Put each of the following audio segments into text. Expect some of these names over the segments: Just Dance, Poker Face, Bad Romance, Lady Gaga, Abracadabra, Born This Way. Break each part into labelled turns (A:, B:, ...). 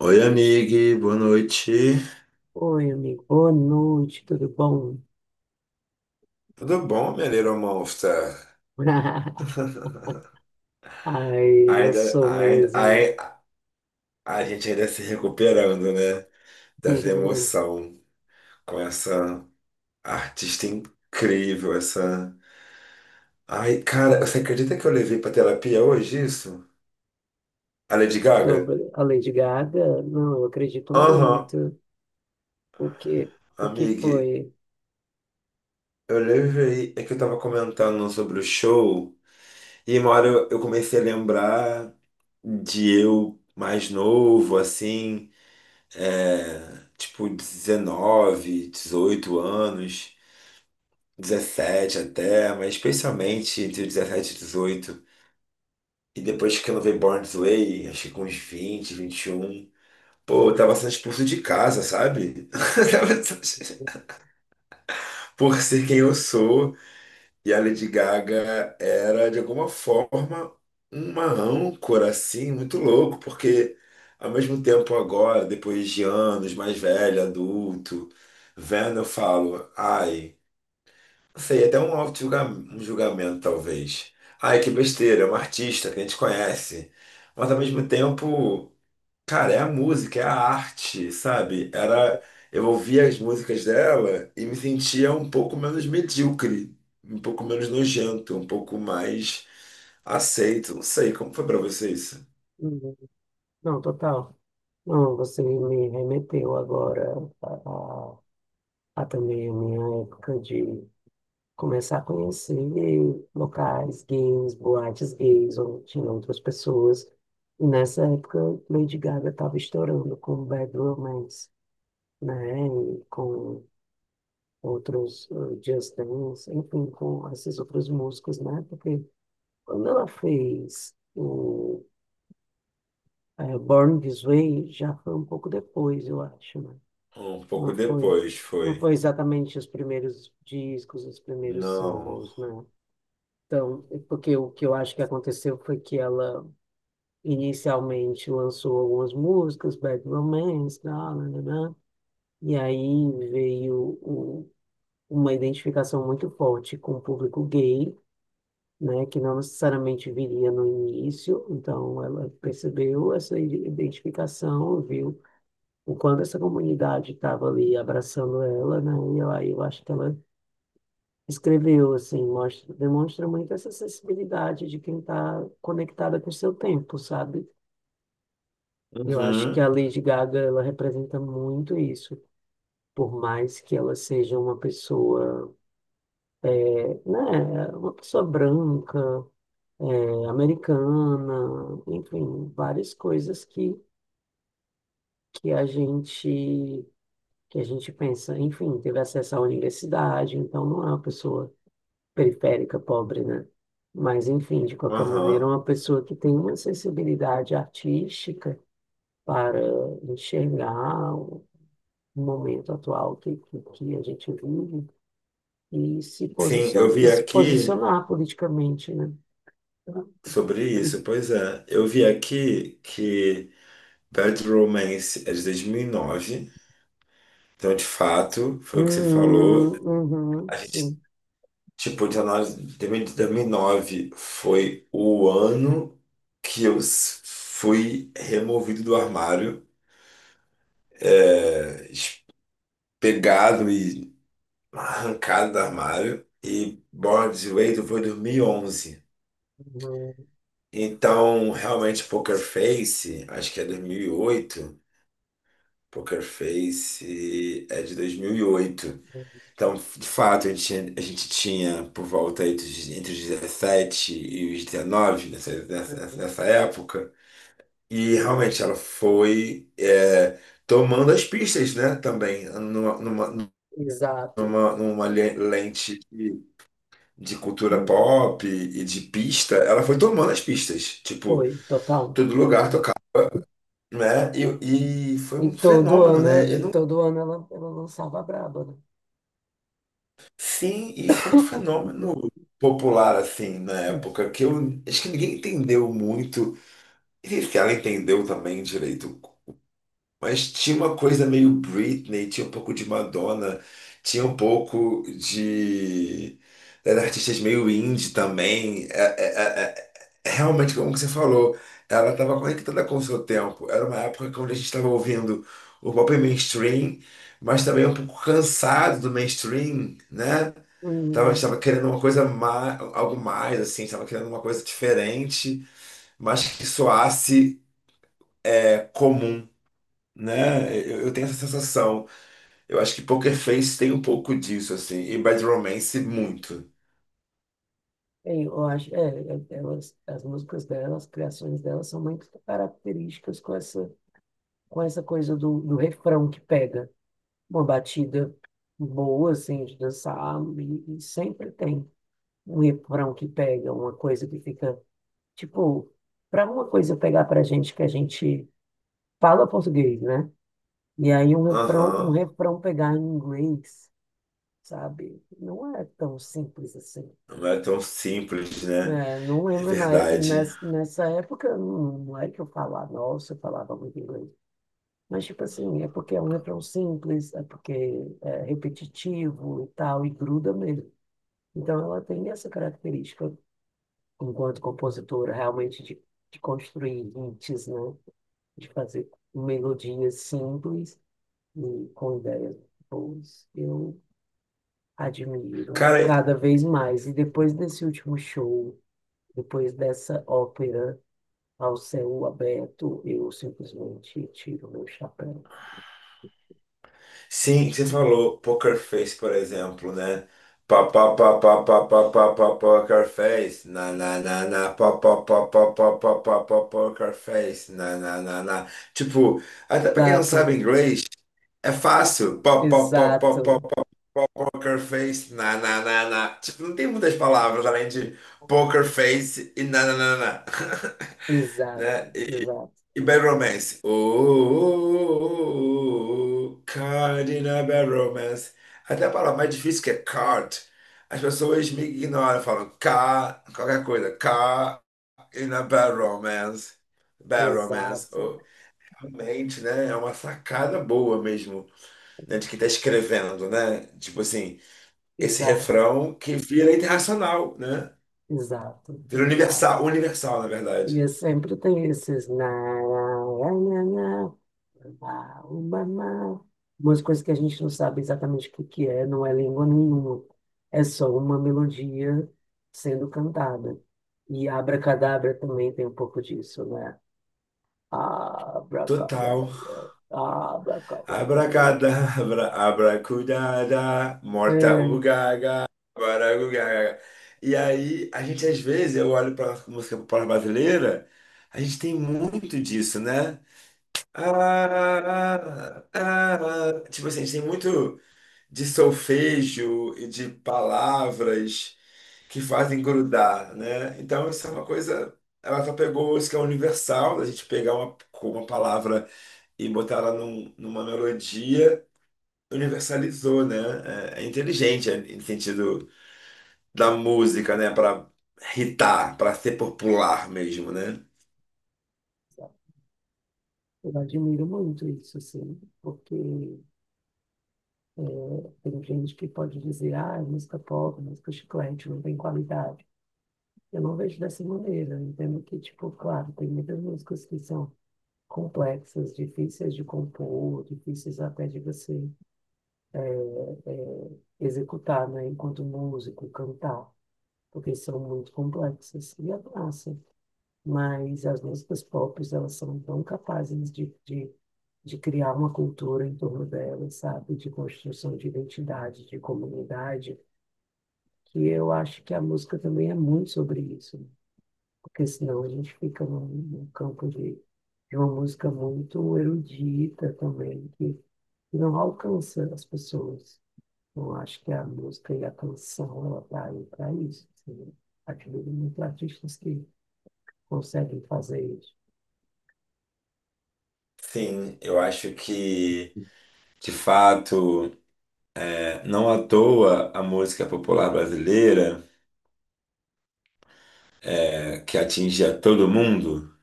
A: Oi, amigue, boa noite.
B: Oi, amigo. Boa noite, tudo bom?
A: Tudo bom, minha Little Monster?
B: Ai, eu
A: Ainda,
B: sou
A: ainda,
B: mesmo.
A: ai- a gente ainda se recuperando, né? Dessa emoção com essa artista incrível, essa. Ai, cara, você acredita que eu levei pra terapia hoje isso? A Lady Gaga?
B: Sobre a Lady Gaga, não, eu acredito
A: Aham,
B: muito. O que, o que
A: amiga,
B: foi?
A: eu levei. É que eu tava comentando sobre o show e uma hora eu comecei a lembrar de eu mais novo, assim. É, tipo 19, 18 anos, 17 até, mas especialmente entre dezessete e dezoito. E depois que eu não veio Born This Way, acho que com uns vinte, vinte e um, pô, eu tava sendo expulso de casa, sabe? Tava por ser quem eu sou. E a Lady Gaga era, de alguma forma, uma âncora, assim, muito louco, porque, ao mesmo tempo, agora, depois de anos, mais velho, adulto, vendo, eu falo, ai, não sei, até um auto-julgamento, um julgamento, talvez. Ai, que besteira, é uma artista que a gente conhece. Mas, ao mesmo tempo. Cara, é a música, é a arte, sabe? Era, eu ouvia as músicas dela e me sentia um pouco menos medíocre, um pouco menos nojento, um pouco mais aceito. Não sei, como foi pra você isso?
B: Uhum. Não, total. Não, você me remeteu agora a, a- a também a minha época de começar a conhecer locais gays, boates gays, onde tinham outras pessoas. E nessa época, Lady Gaga estava estourando com Bad Romance, né? E com outros Just Dance, enfim, com essas outras músicas, né? Porque quando ela fez o Born This Way, já foi um pouco depois, eu acho, né?
A: Um pouco
B: Não foi,
A: depois
B: não
A: foi.
B: foi exatamente os primeiros discos, os primeiros
A: Não.
B: singles, né? Então, é porque o que eu acho que aconteceu foi que ela inicialmente lançou algumas músicas, Bad Romance, blá, blá, blá, blá, e aí veio uma identificação muito forte com o público gay, né, que não necessariamente viria no início, então ela percebeu essa identificação, viu o quanto essa comunidade estava ali abraçando ela, né, e aí eu acho que ela escreveu, assim, mostra, demonstra muito essa sensibilidade de quem está conectada com o seu tempo, sabe? Eu acho que
A: Uhum,
B: a Lady Gaga, ela representa muito isso, por mais que ela seja uma pessoa, uma pessoa branca, americana, enfim, várias coisas que a gente que a gente pensa, enfim, teve acesso à universidade, então não é uma pessoa periférica, pobre, né? Mas, enfim, de qualquer maneira,
A: aham.
B: uma pessoa que tem uma sensibilidade artística para enxergar o momento atual que a gente vive e se
A: Sim, eu
B: posiciona, e
A: vi
B: se
A: aqui
B: posicionar politicamente, né?
A: sobre isso, pois é. Eu vi aqui que Bad Romance é de 2009. Então, de fato, foi o que você
B: Uhum,
A: falou. A
B: uhum,
A: gente,
B: sim.
A: tipo, de análise de 2009 foi o ano que fui removido do armário, é, es- pegado e arrancado do armário. E Bored Wade foi 2011.
B: Uhum,
A: Então, realmente, Poker Face, acho que é 2008. Poker Face é de 2008.
B: uhum,
A: Então, de fato, a gente a gente tinha por volta aí entre os 17 e os 19
B: uhum.
A: nessa época. E realmente ela foi tomando as pistas, né, também, numa, numa,
B: Exato.
A: numa, numa le- lente de cultura
B: Uhum.
A: pop e de pista. Ela foi tomando as pistas, tipo,
B: Foi, total.
A: todo lugar tocava, né? E foi
B: E
A: um fenômeno, né?
B: todo ano ela lançava a braba, né?
A: Sim, e foi um fenômeno popular, assim, na época, que eu acho que ninguém entendeu muito, e se ela entendeu também direito, mas tinha uma coisa meio Britney, tinha um pouco de Madonna, tinha um pouco de... era artistas meio indie também, realmente, como que você falou, ela estava conectada com o seu tempo, era uma época que onde a gente estava ouvindo o pop mainstream, mas também um pouco cansado do mainstream, né? Estava
B: Uhum.
A: querendo uma coisa mais, algo mais, assim, estava querendo uma coisa diferente, mas que soasse comum, né? Eu tenho essa sensação. Eu acho que Poker Face tem um pouco disso, assim, e Bad Romance muito.
B: É, eu acho, elas, as músicas delas, as criações delas são muito características com essa, coisa do refrão que pega uma batida boa, assim, de dançar, e sempre tem um refrão que pega, uma coisa que fica, tipo, para uma coisa pegar pra gente que a gente fala português, né? E aí um refrão, um
A: Aham,
B: refrão pegar em inglês, sabe? Não é tão simples assim.
A: não é tão simples, né?
B: É, não
A: É
B: lembro
A: verdade.
B: nessa época, não é que eu falava, nossa, eu falava muito inglês. Mas, tipo assim, é porque é um refrão simples, é porque é repetitivo e tal, e gruda mesmo. Então, ela tem essa característica, enquanto compositora, realmente de construir hits, né? De fazer melodias simples e com ideias boas. Eu admiro
A: Cara,
B: cada vez mais. E depois desse último show, depois dessa ópera ao céu aberto, eu simplesmente tiro meu chapéu.
A: sim, você falou poker face, por exemplo, né? Pá, pá, pá, pá, pá, pá, pá, pá, poker face. Na, na, na, na, pá, pá, pá, pá, pá, pá, pá, pá, poker face. Na, na, na, na. Tipo, até pra quem não sabe
B: Exato,
A: inglês, é fácil. Pá, pá, pá, pá, pá,
B: exato,
A: pá, poker face. Na, na, na, na. Tipo, não tem muitas palavras além de poker face e na, na, na, na.
B: exato,
A: Né?
B: exato,
A: E Bad Romance. Oh, oh, oh, oh, card in a Bad Romance. Até a palavra mais difícil que é card. As pessoas me ignoram, falam car, qualquer coisa. Car in a Bad Romance. Bad Romance.
B: exato,
A: Oh, realmente, né? É uma sacada boa mesmo, né? De quem tá escrevendo, né? Tipo assim, esse
B: exato,
A: refrão que vira internacional, né?
B: exato,
A: Vira
B: exato.
A: universal, universal, na
B: E
A: verdade.
B: eu sempre tenho esses na, na, na, na, na, uma, na. Umas coisas que a gente não sabe exatamente o que que é, não é língua nenhuma. É só uma melodia sendo cantada. E Abracadabra também tem um pouco disso, né?
A: Total.
B: Abracadabra, abracadabra.
A: Abracadabra, abracudada, morta
B: É,
A: ugaga, baragugaga. E aí, a gente às vezes, eu olho para a música popular brasileira, a gente tem muito disso, né? Ah, ah, ah, ah. Tipo assim, a gente tem muito de solfejo e de palavras que fazem grudar, né? Então, isso é uma coisa. Ela só pegou isso que é universal, da gente pegar uma palavra e botar ela numa melodia, universalizou, né? É, é inteligente no sentido da música, né? Para hitar, para ser popular mesmo, né?
B: eu admiro muito isso, assim, porque tem gente que pode dizer, ah, é música pop, música chiclete, não tem qualidade. Eu não vejo dessa maneira, eu entendo que, tipo, claro, tem muitas músicas que são complexas, difíceis de compor, difíceis até de você é, executar, né, enquanto músico, cantar, porque são muito complexas. E é massa, mas as músicas pop, elas são tão capazes de, de criar uma cultura em torno delas, sabe? De construção de identidade, de comunidade, que eu acho que a música também é muito sobre isso, né? Porque senão a gente fica num, campo de uma música muito erudita também, que não alcança as pessoas. Eu acho que a música e a canção, ela tá aí para isso. Assim, né? Admiro muito artistas que conseguem fazer isso.
A: Sim, eu acho que, de fato, não à toa a música popular brasileira, que atinge a todo mundo,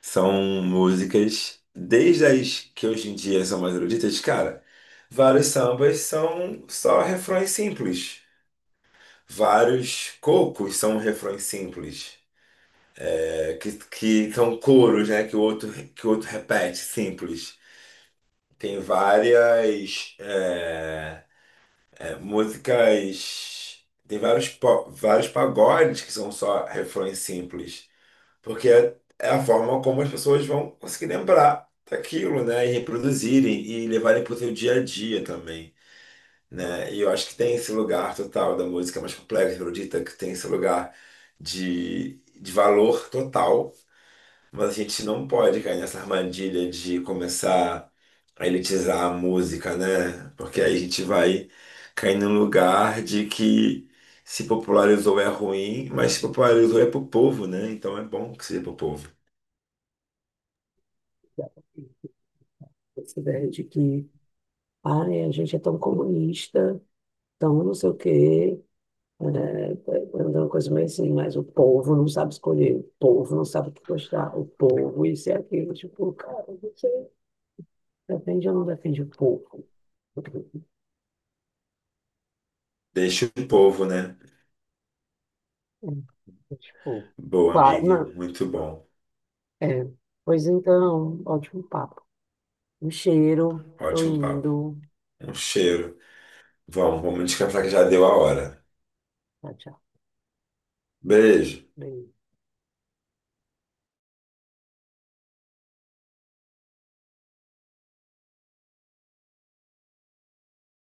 A: são músicas, desde as que hoje em dia são mais eruditas, cara, vários sambas são só refrões simples. Vários cocos são refrões simples. Que são coros, né? Que o outro repete, simples. Tem várias músicas, tem vários pagodes que são só refrões simples, porque é a forma como as pessoas vão conseguir lembrar daquilo, né? E reproduzirem e levarem para o seu dia a dia também. Né? E eu acho que tem esse lugar total da música mais complexa, erudita, que tem esse lugar de valor total. Mas a gente não pode cair nessa armadilha de começar a elitizar a música, né? Porque aí a gente vai cair num lugar de que se popularizou é ruim, mas se popularizou é pro povo, né? Então é bom que seja pro povo.
B: Essa ideia de que ai, a gente é tão comunista, tão não sei o quê, né? É uma coisa meio assim, mas o povo não sabe escolher, o povo não sabe o que gostar, o povo isso e aquilo. Tipo, cara, você defende ou não defende o povo?
A: Deixa o povo, né?
B: É, tipo,
A: Boa,
B: claro,
A: amiga.
B: não.
A: Muito bom.
B: É, pois então, ótimo papo. Um cheiro, tô
A: Ótimo papo.
B: indo.
A: Um cheiro. Vamos, vamos descansar que já deu a hora.
B: Tchau, tchau.
A: Beijo.
B: Beijo.